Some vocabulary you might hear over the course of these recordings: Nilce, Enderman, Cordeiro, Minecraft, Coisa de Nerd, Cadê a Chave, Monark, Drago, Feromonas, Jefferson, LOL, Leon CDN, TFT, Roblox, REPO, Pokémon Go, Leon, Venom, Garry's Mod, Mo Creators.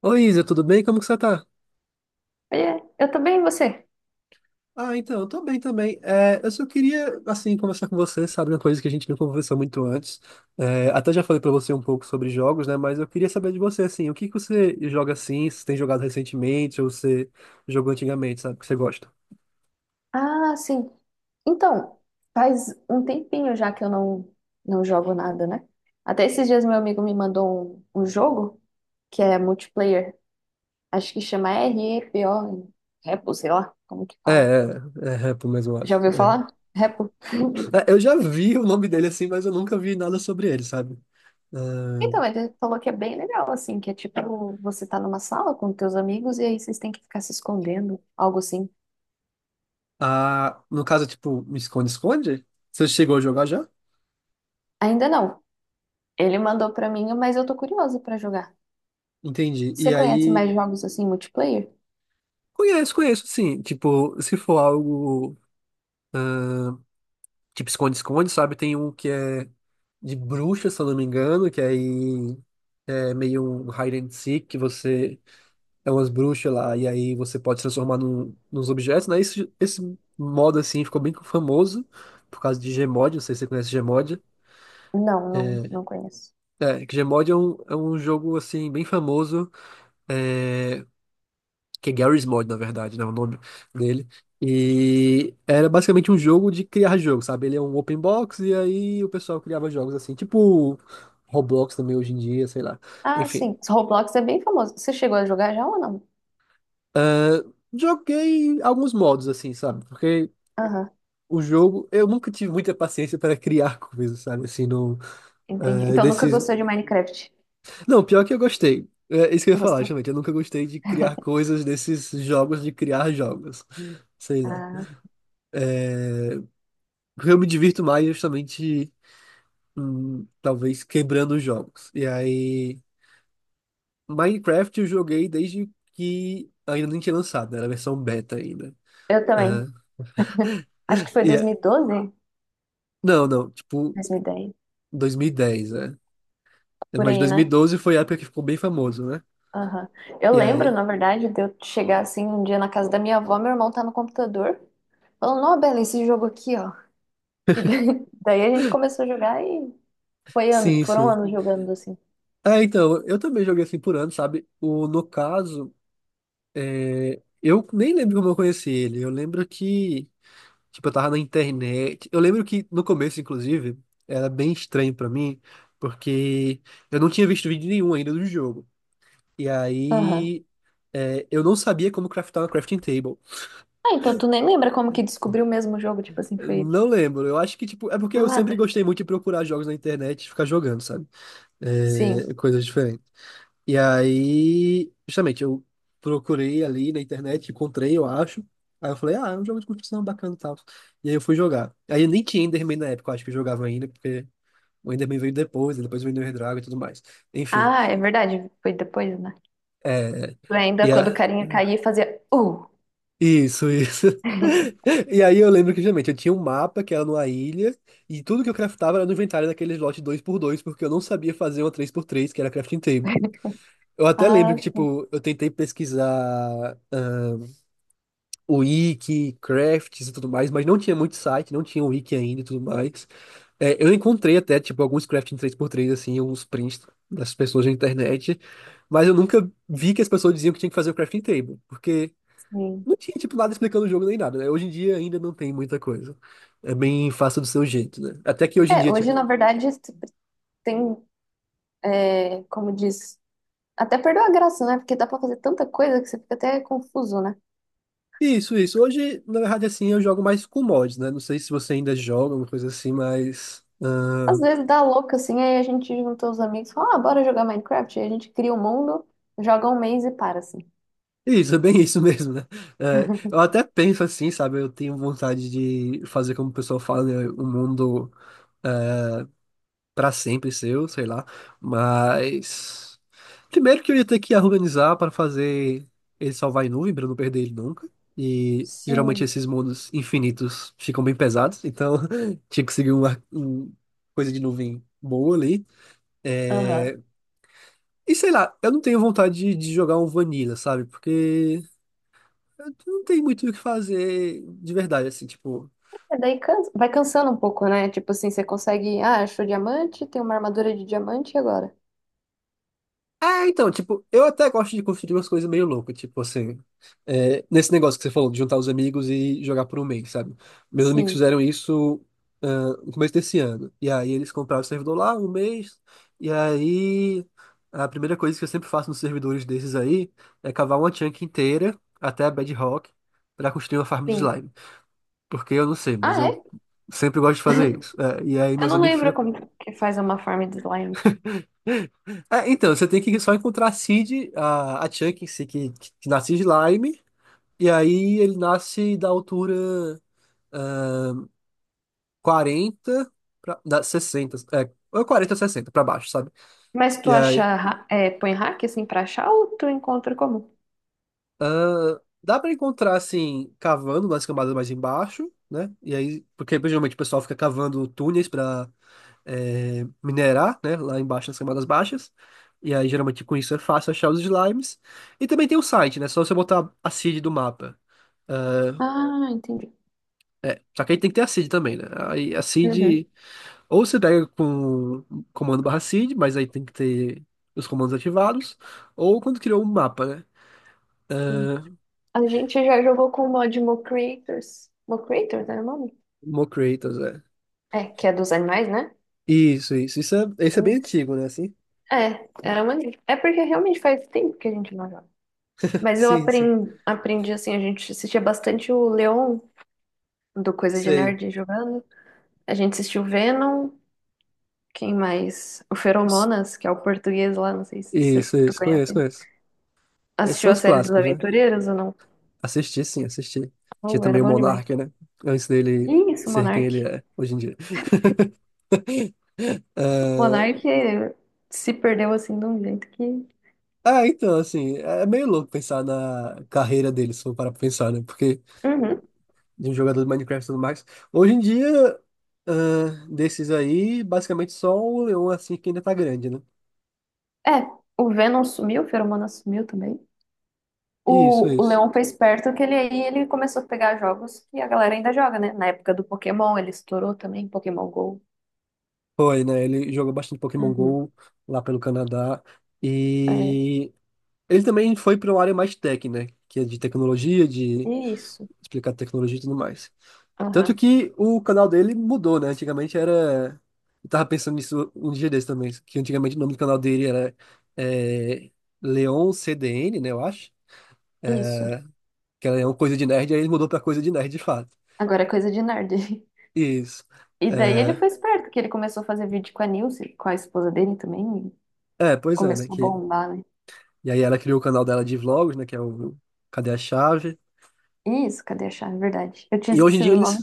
Oi, Isa, tudo bem? Como que você tá? Oiê, eu tô bem, e você? Ah, então, eu tô bem também. É, eu só queria, assim, conversar com você, sabe, uma coisa que a gente não conversou muito antes. É, até já falei pra você um pouco sobre jogos, né? Mas eu queria saber de você, assim, o que que você joga assim, se tem jogado recentemente ou você jogou antigamente, sabe, que você gosta? Ah, sim. Então, faz um tempinho já que eu não, não jogo nada, né? Até esses dias meu amigo me mandou um jogo que é multiplayer. Acho que chama REPO, Repo, sei lá como que É, fala. é, é, Repo mesmo, eu Já acho. ouviu falar? Repo? É. É, eu já vi o nome dele, assim, mas eu nunca vi nada sobre ele, sabe? Ah, Então, ele falou que é bem legal, assim, que é tipo, você tá numa sala com teus amigos e aí vocês têm que ficar se escondendo, algo assim. ah, no caso, tipo, me esconde-esconde? Você chegou a jogar já? Ainda não. Ele mandou pra mim, mas eu tô curiosa pra jogar. Entendi. E Você conhece aí. mais jogos assim, multiplayer? Conheço, conheço, sim. Tipo, se for algo tipo esconde-esconde, sabe? Tem um que é de bruxa, se eu não me engano, que aí é meio um hide and seek, que você é umas bruxas lá, e aí você pode se transformar num, nos objetos, né? Esse modo, assim, ficou bem famoso por causa de Gmod, não sei se você conhece Gmod. Não, não conheço. É, que Gmod é um jogo, assim, bem famoso, é, que é Garry's Mod, na verdade, né, o nome dele. E era basicamente um jogo de criar jogo, sabe? Ele é um open box e aí o pessoal criava jogos assim, tipo Roblox também hoje em dia, sei lá. Ah, Enfim, sim. Roblox é bem famoso. Você chegou a jogar já ou não? ah, joguei alguns modos assim, sabe? Porque Aham, o jogo, eu nunca tive muita paciência para criar coisas, sabe? Assim, no, entendi. ah, Então nunca desses... gostou de Minecraft? Não, pior que eu gostei. É isso que eu ia falar, Gostou? justamente. Eu nunca gostei de criar coisas desses jogos de criar jogos. Sei lá. Ah, Porque eu me divirto mais é justamente, talvez quebrando os jogos. E aí, Minecraft eu joguei desde que ainda nem tinha lançado, né? Era a versão beta ainda. eu também. Aham. Acho que foi E não, não, tipo 2012, dez, 2010, né? por Mas aí, né? 2012 foi a época que ficou bem famoso, né? Aham. Eu E lembro, aí, na verdade, de eu chegar assim um dia na casa da minha avó, meu irmão tá no computador, falando, ó, Bela, esse jogo aqui, ó. E daí, daí a gente começou a jogar e foi ano, sim, foram sim. anos jogando assim. Ah, então, eu também joguei assim por ano, sabe? O, no caso, eu nem lembro como eu conheci ele. Eu lembro que tipo, eu tava na internet. Eu lembro que no começo, inclusive, era bem estranho pra mim, porque eu não tinha visto vídeo nenhum ainda do jogo. E Aham. aí, eu não sabia como craftar uma crafting table. Ah, então tu nem lembra como que descobriu o mesmo jogo, tipo assim, foi Não lembro. Eu acho que, tipo, é porque do eu sempre nada. gostei muito de procurar jogos na internet e ficar jogando, sabe? Sim. É, coisas diferentes. E aí, justamente, eu procurei ali na internet, encontrei, eu acho. Aí eu falei, ah, é um jogo de construção bacana e tal. E aí eu fui jogar. Aí eu nem tinha Enderman na época, eu acho que eu jogava ainda, porque o Enderman veio depois, e depois veio o Drago e tudo mais. Enfim. Ah, é verdade. Foi depois, né? É, Ainda e quando o a- carinha caía, fazia. Isso, isso. E aí eu lembro que justamente eu tinha um mapa que era numa ilha, e tudo que eu craftava era no inventário daqueles lotes dois por dois porque eu não sabia fazer uma três por três que era crafting table. Eu até lembro Ah, que, sim, tipo, eu tentei pesquisar, o wiki, crafts e tudo mais, mas não tinha muito site, não tinha wiki ainda e tudo mais. É, eu encontrei até, tipo, alguns crafting três por três assim, uns prints das pessoas na internet, mas eu nunca vi que as pessoas diziam que tinha que fazer o crafting table, porque sim. não tinha, tipo, nada explicando o jogo nem nada, né? Hoje em dia ainda não tem muita coisa. É bem fácil do seu jeito, né? Até que hoje em É, dia, hoje, tipo, na verdade, tu tem, é, como diz, até perdeu a graça, né? Porque dá pra fazer tanta coisa que você fica até confuso, né? isso, isso. Hoje, na verdade, assim, eu jogo mais com mods, né? Não sei se você ainda joga, alguma coisa assim, mas... Às ah, vezes dá louca, assim, aí a gente junta os amigos e fala, ah, bora jogar Minecraft. Aí a gente cria o mundo, joga um mês e para, assim. Isso, é bem isso mesmo, né? É, eu até penso assim, sabe? Eu tenho vontade de fazer como o pessoal fala, né? O mundo para sempre seu, sei lá. Mas primeiro que eu ia ter que organizar para fazer ele salvar em nuvem para eu não perder ele nunca. E geralmente Sim. esses mundos infinitos ficam bem pesados, então tinha que seguir uma coisa de nuvem boa ali. Aham. E sei lá, eu não tenho vontade de jogar um Vanilla, sabe? Porque eu não tem muito o que fazer de verdade, assim, tipo. É, vai cansando um pouco, né? Tipo assim, você consegue, ah, achou diamante, tem uma armadura de diamante e agora? É, então, tipo, eu até gosto de construir umas coisas meio loucas, tipo assim, nesse negócio que você falou, de juntar os amigos e jogar por um mês, sabe? Meus amigos Sim, fizeram isso, ah, no começo desse ano. E aí eles compraram o servidor lá um mês, e aí a primeira coisa que eu sempre faço nos servidores desses aí é cavar uma chunk inteira até a bedrock pra construir uma farm de sim. slime. Porque eu não sei, mas Ah, eu é? sempre gosto de fazer isso. É, e aí Eu meus não amigos lembro ficam. como que faz uma farm de slime. É, então, você tem que só encontrar a Cid, a Chuck em si, que nasce de Lyme, e aí ele nasce da altura 40 da 60, ou 40 ou 60 pra baixo, sabe? Mas E aí é, põe hack assim pra achar ou tu encontra como? dá pra encontrar assim, cavando nas camadas mais embaixo, né? E aí, porque geralmente o pessoal fica cavando túneis pra minerar, né? Lá embaixo nas camadas baixas. E aí, geralmente com isso é fácil achar os slimes. E também tem o site, né? Só você botar a Cid do mapa. Ah, Ah, entendi. só que aí tem que ter a seed também, né? Aí a Uhum, seed, ou você pega com comando barra seed, mas aí tem que ter os comandos ativados, ou quando criou um mapa, né? sim. A gente já jogou com o mod Mo Creators. Mo Creators era o nome? Mocreators, é. É, que é dos animais, né? Isso, isso. Isso é, esse é bem Isso. antigo, né? Assim? É, era maneiro. É porque realmente faz tempo que a gente não joga. Mas eu Sim, sim. Aprendi assim, a gente assistia bastante o Leon do Coisa de Sei. Nerd jogando. A gente assistiu o Venom. Quem mais? O Feromonas, que é o português lá, não sei se Isso, tu isso. Conheço, conhece. conheço. Esses Assistiu são a os série dos clássicos, né? Aventureiros ou não? Assisti, sim, assisti. Tinha Oh, era também o bom demais. Monark, né? Antes dele Ih, isso, ser quem Monark. ele é hoje em dia. O Ah, Monark eh, se perdeu assim de um jeito que. ah, então, assim, é meio louco pensar na carreira dele, se for parar pra pensar, né? Porque Uhum. de um jogador de Minecraft e tudo mais. Hoje em dia, desses aí, basicamente só o Leon assim que ainda tá grande, né? É, o Venom sumiu, o Feromonas sumiu também. Isso, O isso. Leon foi esperto que ele aí ele começou a pegar jogos que a galera ainda joga, né? Na época do Pokémon, ele estourou também, Pokémon Go. Foi, né? Ele jogou bastante Pokémon Uhum. Go lá pelo Canadá. É, E ele também foi para uma área mais tech, né? Que é de tecnologia, de isso. explicar tecnologia e tudo mais. Tanto Aham, que o canal dele mudou, né? Antigamente era. Eu tava pensando nisso um dia desse também, que antigamente o nome do canal dele era, é, Leon CDN, né? Eu acho. isso. Que ela é uma coisa de nerd, aí ele mudou pra coisa de nerd de fato. Agora é coisa de nerd. Isso. E daí ele É, foi esperto, porque ele começou a fazer vídeo com a Nilce, com a esposa dele também, e é, pois é, né? começou a Que. bombar, né? E aí ela criou o canal dela de vlogs, né? Que é o Cadê a Chave? Isso, cadê a chave? Verdade. Eu tinha E hoje em dia esquecido o eles. nome.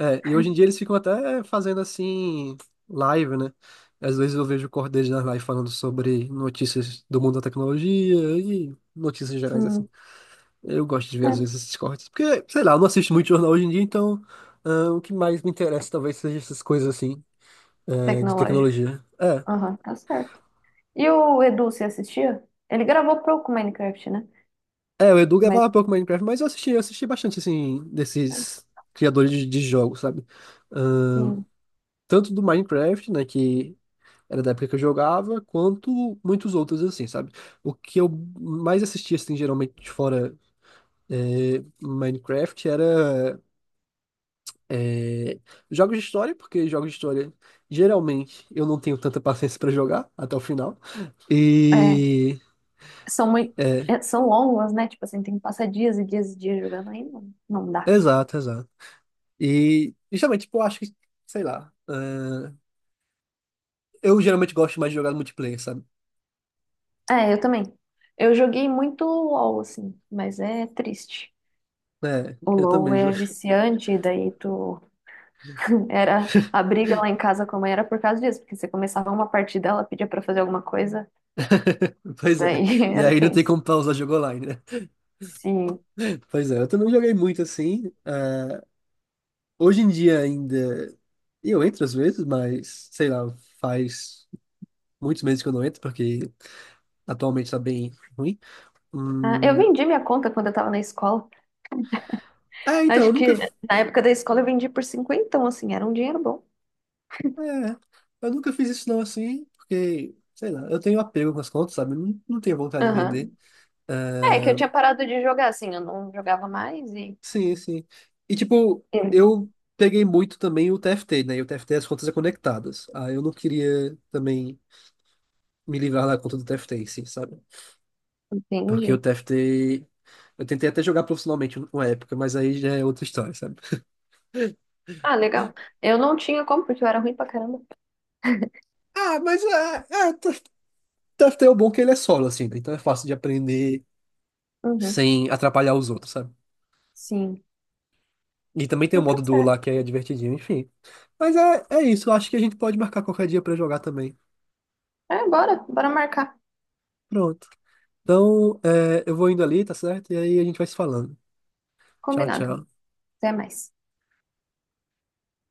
É, e hoje em dia eles ficam até fazendo assim, live, né? Às vezes eu vejo o Cordeiro na live falando sobre notícias do mundo da tecnologia e notícias gerais assim. Hum, Eu gosto de ver às é, vezes esses cortes, porque, sei lá, eu não assisto muito jornal hoje em dia, então o que mais me interessa talvez seja essas coisas assim, de tecnológico. tecnologia. É, Aham, tá certo. E o Edu, você assistia? Ele gravou pouco Minecraft, né? É, o Edu Mas, gravava pouco Minecraft, mas eu assisti, bastante, assim, desses criadores de jogos, sabe? Ahn, assim, tanto do Minecraft, né, que era da época que eu jogava, quanto muitos outros, assim, sabe? O que eu mais assistia, assim, geralmente fora, Minecraft era, é, jogos de história, porque jogos de história, geralmente, eu não tenho tanta paciência pra jogar até o final. é, E. são muito, É, é, são longas, né? Tipo assim, tem que passar dias e dias e dias jogando, aí não, não dá. exato, exato. E, justamente, tipo, eu acho que, sei lá. Eu geralmente gosto mais de jogar no multiplayer, sabe? É, eu também. Eu joguei muito LOL, assim, mas é triste. É, O eu LoL também. É viciante, daí tu era a briga lá em casa com a mãe era por causa disso, porque você começava uma partida, ela pedia pra fazer alguma coisa, Pois é. daí E era aí não tem tenso. como pausar jogo online, né? Sim. Pois é, eu também joguei muito assim. Ah, hoje em dia ainda. Eu entro às vezes, mas sei lá, faz muitos meses que eu não entro, porque atualmente tá bem ruim. Ah, eu Hum, vendi minha conta quando eu tava na escola. é, então, eu Acho que nunca. na época da escola eu vendi por 50, assim, era um dinheiro bom. É, eu nunca fiz isso não assim, porque, sei lá, eu tenho apego com as contas, sabe? Não, não tenho vontade de vender. Aham. É, que É, eu tinha parado de jogar, assim, eu não jogava mais e. sim, sim. E tipo, Sim. eu peguei muito também o TFT, né? E o TFT é as contas é conectadas. Ah, eu não queria também me livrar da conta do TFT, em si, sabe? Porque o Entendi. TFT. Eu tentei até jogar profissionalmente uma época, mas aí já é outra história, sabe? Ah, legal. Eu não tinha como, porque eu era ruim pra caramba. Ah, mas o TFT é o bom que ele é solo, assim, né? Então é fácil de aprender Uhum. sem atrapalhar os outros, sabe? Sim. E também tem o Então, tá modo duo certo. lá que é divertidinho, enfim. Mas é isso, eu acho que a gente pode marcar qualquer dia pra jogar também. É, bora marcar. Pronto. Então, eu vou indo ali, tá certo? E aí a gente vai se falando. Tchau, Combinado. tchau. Até mais.